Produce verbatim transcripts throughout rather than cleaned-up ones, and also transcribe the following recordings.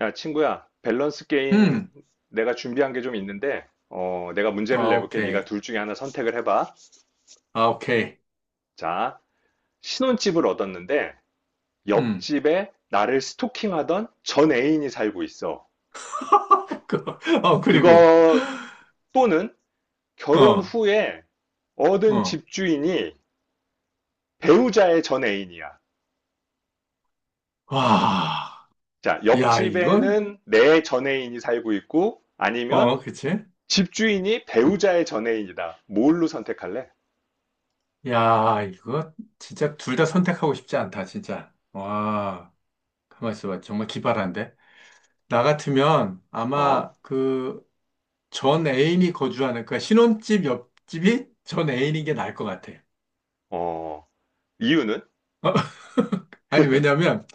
야, 친구야, 밸런스 게임 음, 내가 준비한 게 좀 있는데, 어, 내가 문제를 아, 내볼게. 오케이. 네가 둘 중에 하나 선택을 해봐. 아, 오케이. 자, 신혼집을 얻었는데, 음. 옆집에 나를 스토킹하던 전 애인이 살고 있어. 그- 어, 그리고, 그거 또는 결혼 어, 후에 얻은 어. 집주인이 배우자의 전 애인이야. 와, 자, 야, 이건, 옆집에는 내 전 애인이 살고 있고, 아니면 어, 그치? 집주인이 음. 배우자의 전 애인이다. 뭘로 선택할래? 야, 이거 진짜 둘 다 선택하고 싶지 않다, 진짜. 와, 가만 있어봐. 정말 기발한데? 나 같으면 어? 아마 그 전 애인이 거주하는, 그 신혼집 옆집이 전 애인인 게 나을 것 같아. 어, 이유는? 아니, 왜냐면,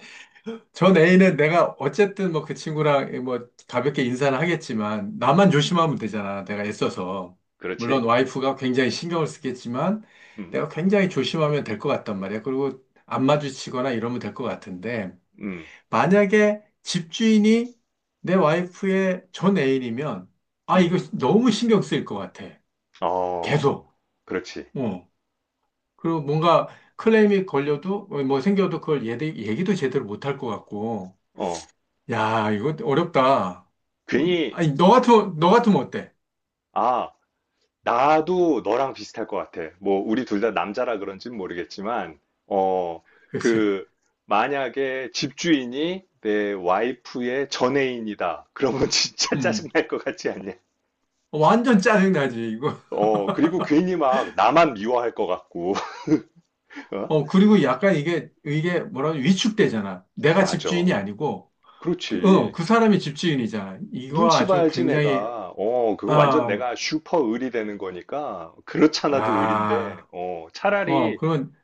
전 애인은 내가 어쨌든 뭐 그 친구랑 뭐 가볍게 인사는 하겠지만 나만 조심하면 되잖아. 내가 애써서. 물론 그렇지? 와이프가 굉장히 신경을 쓰겠지만 음, 내가 굉장히 조심하면 될 것 같단 말이야. 그리고 안 마주치거나 이러면 될 것 같은데 음, 만약에 집주인이 내 와이프의 전 애인이면 아, 이거 음. 너무 신경 쓰일 것 같아. 어, 계속. 그렇지. 어. 그리고 뭔가 클레임이 걸려도 어, 뭐 생겨도 그걸 얘기, 얘기도 제대로 못 할 것 같고 어, 야, 이거 어렵다. 괜히, 아니, 너 같으면, 너 같으면 어때? 아, 나도 너랑 비슷할 것 같아. 뭐, 우리 둘 다 남자라 그런지는 모르겠지만, 어, 그렇지. 그, 만약에 집주인이 내 와이프의 전애인이다. 그러면 진짜 음. 짜증날 것 같지 않냐? 어, 완전 짜증나지, 이거. 어, 그리고 괜히 막 나만 미워할 것 같고, 어? 어, 그리고 약간 이게, 이게 뭐라 고 위축되잖아. 내가 집주인이 맞아. 아니고, 그- 어, 그렇지. 그 사람이 집주인이잖아. 이거 눈치 아주 봐야지 굉장히, 내가. 어, 그거 완전 아, 내가 슈퍼 을이 되는 거니까. 그렇잖아도 을인데. 야, 어, 어, 차라리 그런,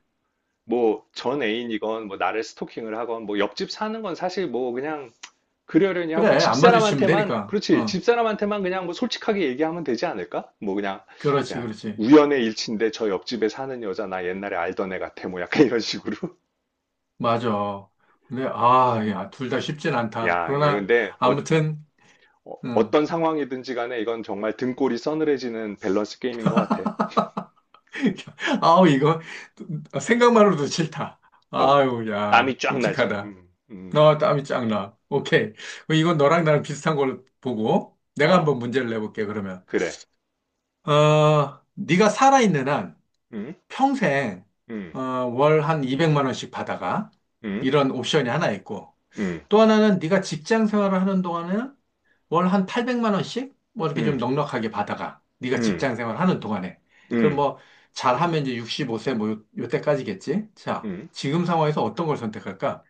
뭐 전 애인이건 뭐 나를 스토킹을 하건 뭐 옆집 사는 건 사실 뭐 그냥 그러려니 그래, 하고 안 마주치면 집사람한테만 되니까. 그렇지. 어, 집사람한테만 그냥 뭐 솔직하게 얘기하면 되지 않을까? 뭐 그냥 그렇지, 야, 그렇지. 우연의 일치인데 저 옆집에 사는 여자 나 옛날에 알던 애 같아. 뭐 약간 이런 식으로. 맞아. 근데, 아, 야, 둘 다 쉽진 않다. 야, 그러나, 근데 어, 아무튼, 어- 음. 어떤 상황이든지 간에 이건 정말 등골이 서늘해지는 밸런스 게임인 것 같아. 아우, 이거, 생각만으로도 싫다. 어, 아유, 야, 땀이 쫙 나지? 끔찍하다. 음, 음, 너 땀이 쫙 나. 오케이. 그럼 이건 너랑 나랑 비슷한 걸 보고, 내가 아, 한번 문제를 내볼게, 그러면. 그래. 어, 네가 살아있는 한 음, 평생, 음, 어, 월 한 이백만 원씩 받아가. 음, 이런 옵션이 하나 있고, 음, 또 하나는 네가 직장 생활을 하는 동안에는 월 한 팔백만 원씩 뭐 이렇게 좀 음, 넉넉하게 받아가. 네가 음, 직장 생활 하는 동안에. 그럼 음, 뭐 잘하면 이제 육십오 세 뭐 요, 요때까지겠지? 자, 음. 지금 상황에서 어떤 걸 선택할까?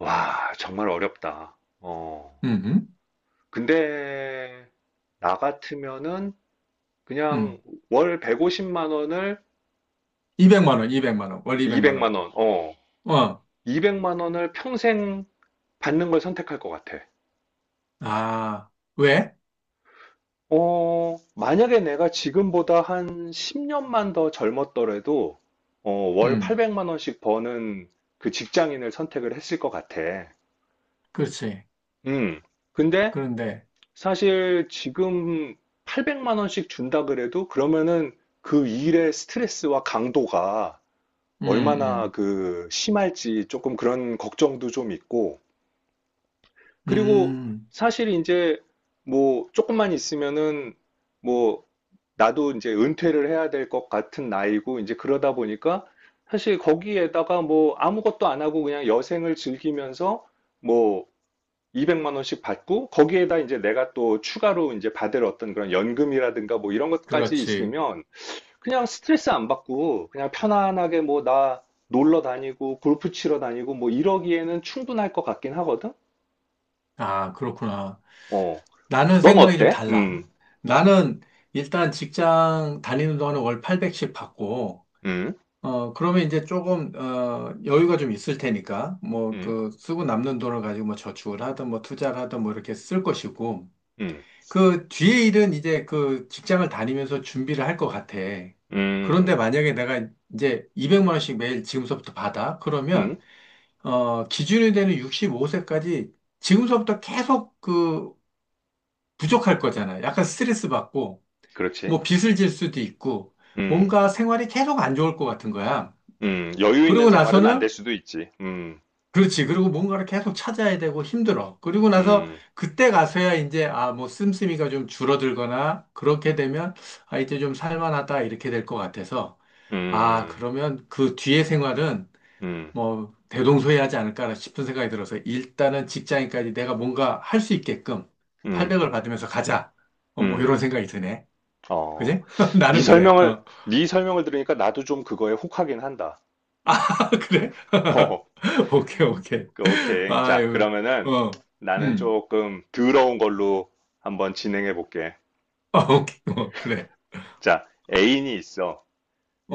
와, 정말 어렵다. 어, 음. 근데, 나 같으면은, 음. 그냥 월 백오십만 원을 이백만 원, 이백만 원. 월 이백만 원. 이백만 원, 어, 어. 이백만 원을 평생 받는 걸 선택할 것 같아. 아, 왜? 어, 만약에 내가 지금보다 한 십 년만 더 젊었더라도, 어, 월 음. 팔백만 원씩 버는 그 직장인을 선택을 했을 것 같아. 그렇지. 음. 근데 그런데 사실 지금 팔백만 원씩 준다 그래도 그러면은 그 일의 스트레스와 강도가 음, 얼마나 음. 그 심할지 조금 그런 걱정도 좀 있고. 그리고 음. 사실 이제 뭐 조금만 있으면은 뭐 나도 이제 은퇴를 해야 될 것 같은 나이고, 이제 그러다 보니까 사실 거기에다가 뭐 아무것도 안 하고 그냥 여생을 즐기면서 뭐 이백만 원씩 받고, 거기에다 이제 내가 또 추가로 이제 받을 어떤 그런 연금이라든가 뭐 이런 것까지 그렇지. 있으면 그냥 스트레스 안 받고, 그냥 편안하게 뭐 나 놀러 다니고, 골프 치러 다니고 뭐 이러기에는 충분할 것 같긴 하거든? 아, 그렇구나. 어. 나는 넌 생각이 좀 어때? 달라. 음, 나는 일단 직장 다니는 동안에 월 팔백씩 받고 음, 어, 그러면 이제 조금, 어, 여유가 좀 있을 테니까, 뭐, 음, 그, 쓰고 남는 돈을 가지고 뭐 저축을 하든 뭐 투자를 하든 뭐 이렇게 쓸 것이고, 음, 그 뒤에 일은 이제 그 직장을 다니면서 준비를 할 것 같아. 그런데 음, 만약에 내가 이제 이백만 원씩 매일 지금서부터 받아? 음, 그러면, 어, 기준이 되는 육십오 세까지 지금서부터 계속 그 부족할 거잖아. 약간 스트레스 받고, 그렇지. 뭐 빚을 질 수도 있고, 음. 뭔가 생활이 계속 안 좋을 것 같은 거야. 음, 여유 그러고 있는 생활은 안 나서는 될 수도 있지. 음, 그렇지. 그리고 뭔가를 계속 찾아야 되고 힘들어. 그리고 나서 음, 그때 가서야 이제, 아, 뭐, 씀씀이가 좀 줄어들거나, 그렇게 되면, 아, 이제 좀 살만하다, 이렇게 될 것 같아서, 아, 음, 그러면 그 뒤의 생활은 음, 뭐, 대동소이하지 않을까 싶은 생각이 들어서, 일단은 직장인까지 내가 뭔가 할 수 있게끔 음, 팔백을 받으면서 가자. 어, 뭐, 음. 이런 생각이 드네. 어, 그지? 네 나는 그래. 설명을 어. 네 설명을 들으니까 나도 좀 그거에 혹하긴 한다. 아, 그래? 어, 오케이, 오케이. 그, 오케이. 자, 아유, 그러면은 어. 나는 음. 조금 더러운 걸로 한번 진행해 볼게. 아, 오케이. 어, 그래. 자, 애인이 있어.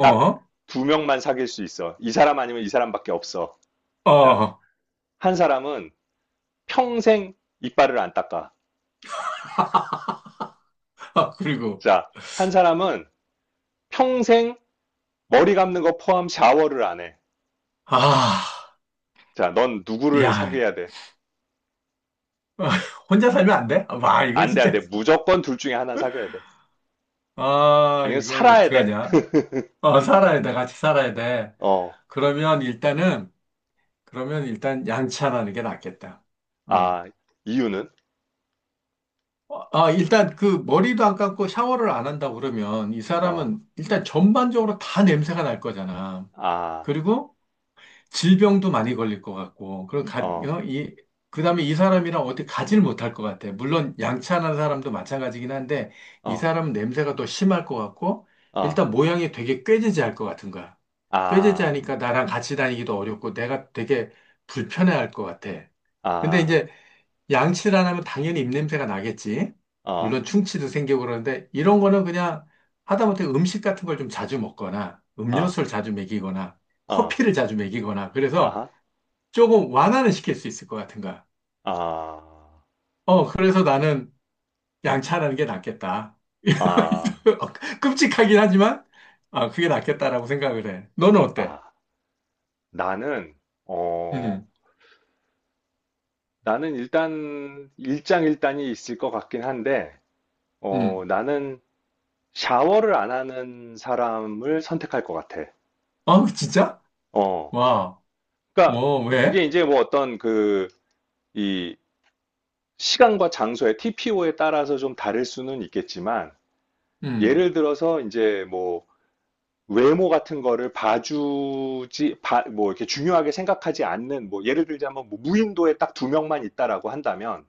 딱 두 명만 사귈 수 있어. 이 사람 아니면 이 사람밖에 없어. 어. 자, 어. 한 사람은 평생 이빨을 안 닦아. 아, 그리고. 자, 한 사람은 평생 머리 감는 거 포함 샤워를 안 해. 아, 자, 넌 누구를 야. 사귀어야 돼? 아, 혼자 살면 안 돼? 아, 와, 이거 안 돼, 안 진짜. 돼. 무조건 둘 중에 하나 사귀어야 돼. 아, 아니면 이걸 살아야 돼. 어떡하냐? 어, 살아야 돼. 같이 살아야 돼. 어, 그러면 일단은, 그러면 일단 양치하는 게 낫겠다. 아, 어. 이유는? 아, 일단 그 머리도 안 감고 샤워를 안 한다고 그러면 이 어, 사람은 일단 전반적으로 다 냄새가 날 거잖아. 아, 그리고 질병도 많이 걸릴 것 같고, 그리고 가, 어, 음, 어, 이, 그 다음에 이 사람이랑 어떻게 가지를 못할 것 같아. 물론 양치하는 사람도 마찬가지긴 한데, 이 어, 사람은 냄새가 더 심할 것 같고, 어, 일단 모양이 되게 꾀지지할 것 같은 거야. 아, 꾀지지하니까 나랑 같이 다니기도 어렵고, 내가 되게 불편해할 것 같아. 근데 아, 이제 양치를 안 하면 당연히 입냄새가 나겠지. 어, 물론 충치도 생기고 그러는데 이런 거는 그냥 하다못해 음식 같은 걸 좀 자주 먹거나 어, 음료수를 자주 먹이거나 어, 커피를 자주 먹이거나 그래서 아하, 조금 완화는 시킬 수 있을 것 같은 거야. 아, 어, 그래서 나는 양치하는 게 낫겠다. 아, 어, 끔찍하긴 하지만 아, 그게 낫겠다라고 생각을 해. 너는 어때? 아. 나는, 어, 음, 나는 일단 일장일단이 있을 것 같긴 한데, 어, 음. 나는 샤워를 안 하는 사람을 선택할 것 같아. 아, 진짜? 어. 와, 그러니까 어, 왜? 그게 이제 뭐 어떤 그 이 시간과 장소의 티피오에 따라서 좀 다를 수는 있겠지만 음. 예를 들어서 이제 뭐 외모 같은 거를 봐주지 봐- 뭐 이렇게 중요하게 생각하지 않는 뭐 예를 들자면 뭐 무인도에 딱 두 명만 있다라고 한다면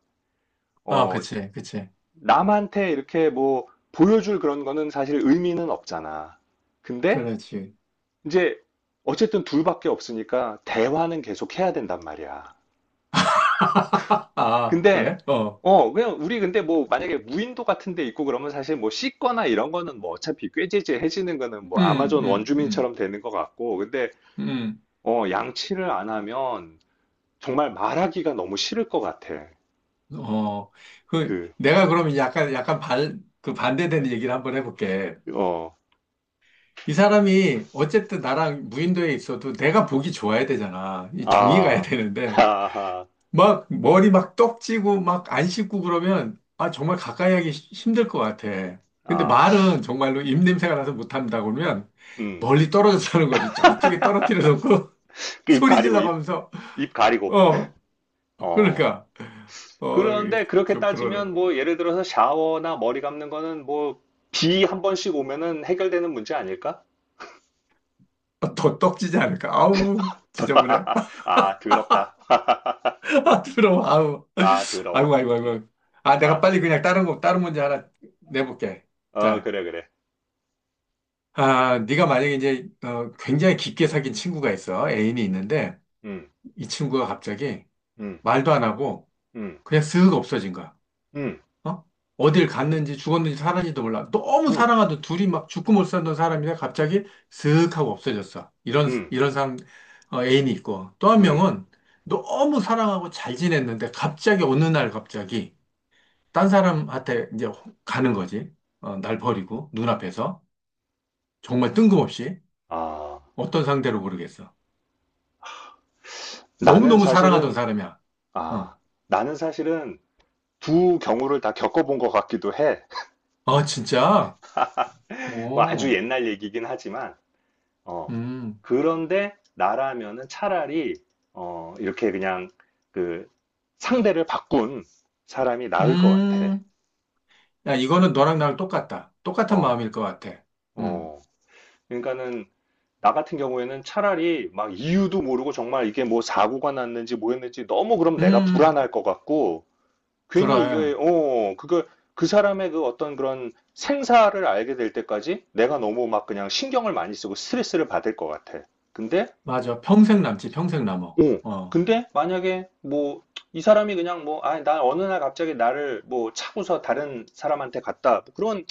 아, 어 그치, 그치. 남한테 이렇게 뭐 보여줄 그런 거는 사실 의미는 없잖아. 근데 그렇지. 이제 어쨌든 둘밖에 없으니까 대화는 계속 해야 된단 말이야. 아, 근데 그래? 어. 어 그냥 우리 근데 뭐 만약에 무인도 같은 데 있고 그러면 사실 뭐 씻거나 이런 거는 뭐 어차피 꾀지지해지는 거는 뭐 음, 아마존 음, 음, 원주민처럼 되는 것 같고 근데 음. 어 양치를 안 하면 정말 말하기가 너무 싫을 것 같아. 어. 그, 그 내가 그러면 약간, 약간 발, 그 반대되는 얘기를 한번 해볼게. 어 이 사람이 어쨌든 나랑 무인도에 있어도 내가 보기 좋아야 되잖아. 이 정이 가야 아, 되는데. 하하, 막, 머리 막 떡지고 막 안 씻고 그러면, 아, 정말 가까이 하기 시- 힘들 것 같아. 근데 아, 말은 정말로 입냄새가 나서 못한다 그러면 음, 멀리 떨어져 서 하는 거지. 저쪽에 떨어뜨려 놓고 입 소리 가리고 입, 질러가면서, 입 가리고 어. 어. 그러니까 어, 그런데 그렇게 좀 그러네. 따지면 뭐 예를 들어서 샤워나 머리 감는 거는 뭐 비 한 번씩 오면은 해결되는 문제 아닐까? 아, 더 떡지지 않을까? 아우, 지저분해. 아, 더럽다. 부러워, 아우. 아, 아이고, 더러워. 아이고, 음, 아이고. 아, 내가 아, 빨리 그냥 다른 거, 다른 문제 하나 내볼게. 어, 자, 그래, 그래. 아, 네가 만약에 이제 어, 굉장히 깊게 사귄 친구가 있어. 애인이 있는데 음, 이 친구가 갑자기 음, 말도 안 하고 음, 그냥 쓱 없어진 거야. 음, 어? 어딜 갔는지 죽었는지 살았는지도 몰라. 너무 음, 사랑하던 둘이 막 죽고 못 살던 사람이 갑자기 슥 하고 없어졌어. 이런, 음, 이런 상, 어, 애인이 있고. 또 한 음. 명은 너무 사랑하고 잘 지냈는데 갑자기 어느 날 갑자기 딴 사람한테 이제 가는 거지. 어, 날 버리고 눈앞에서. 정말 뜬금없이 아, 어떤 상대로 모르겠어. 나는 너무너무 사랑하던 사실은, 사람이야. 어. 아, 나는 사실은 두 경우를 다 겪어본 것 같기도 해. 아, 진짜? 뭐 아주 오, 옛날 얘기긴 하지만. 어. 음, 그런데 나라면은 차라리 어, 이렇게 그냥 그 상대를 바꾼 사람이 나을 것 같아. 음. 야, 이거는 너랑 나랑 똑같다. 똑같은 어, 마음일 것 같아. 음, 어. 그러니까는 나 같은 경우에는 차라리 막 이유도 모르고 정말 이게 뭐 사고가 났는지 뭐였는지 너무 그럼 내가 음, 불안할 것 같고 괜히 이게 그래. 어, 그거 그 사람의 그 어떤 그런 생사를 알게 될 때까지 내가 너무 막 그냥 신경을 많이 쓰고 스트레스를 받을 것 같아. 근데 맞아. 평생 남지, 평생 남어. 어. 어, 근데 만약에 뭐 이 사람이 그냥 뭐 아, 나 어느 날 갑자기 나를 뭐 차고서 다른 사람한테 갔다. 뭐 그런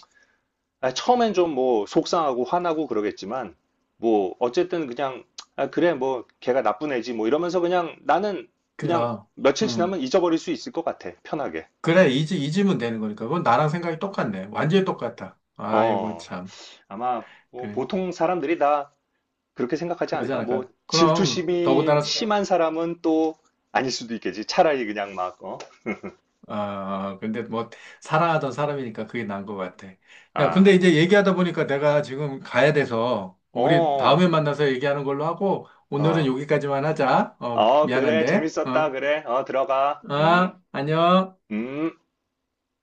아, 처음엔 좀 뭐 속상하고 화나고 그러겠지만 뭐 어쨌든 그냥 아, 그래 뭐 걔가 나쁜 애지 뭐 이러면서 그냥 나는 그냥 그럼. 며칠 음, 지나면 잊어버릴 수 있을 것 같아. 편하게. 그래, 잊, 잊으면 되는 거니까. 그건 나랑 생각이 똑같네. 완전히 똑같다. 아이고, 어. 참. 아마 뭐 그래. 보통 사람들이 다 그렇게 생각하지 그러지 않을까? 뭐 않을까? 그럼, 질투심이 더군다나, 심한 사람은 또 아닐 수도 있겠지. 차라리 그냥 막 어. 아, 근데 뭐, 사랑하던 사람이니까 그게 난 것 같아. 야, 근데 아. 이제 얘기하다 보니까 내가 지금 가야 돼서, 우리 어. 다음에 만나서 얘기하는 걸로 하고, 오늘은 어, 여기까지만 하자. 어, 어, 그래, 미안한데. 재밌었다, 어. 그래, 어, 들어가, 음, 아, 안녕. 음.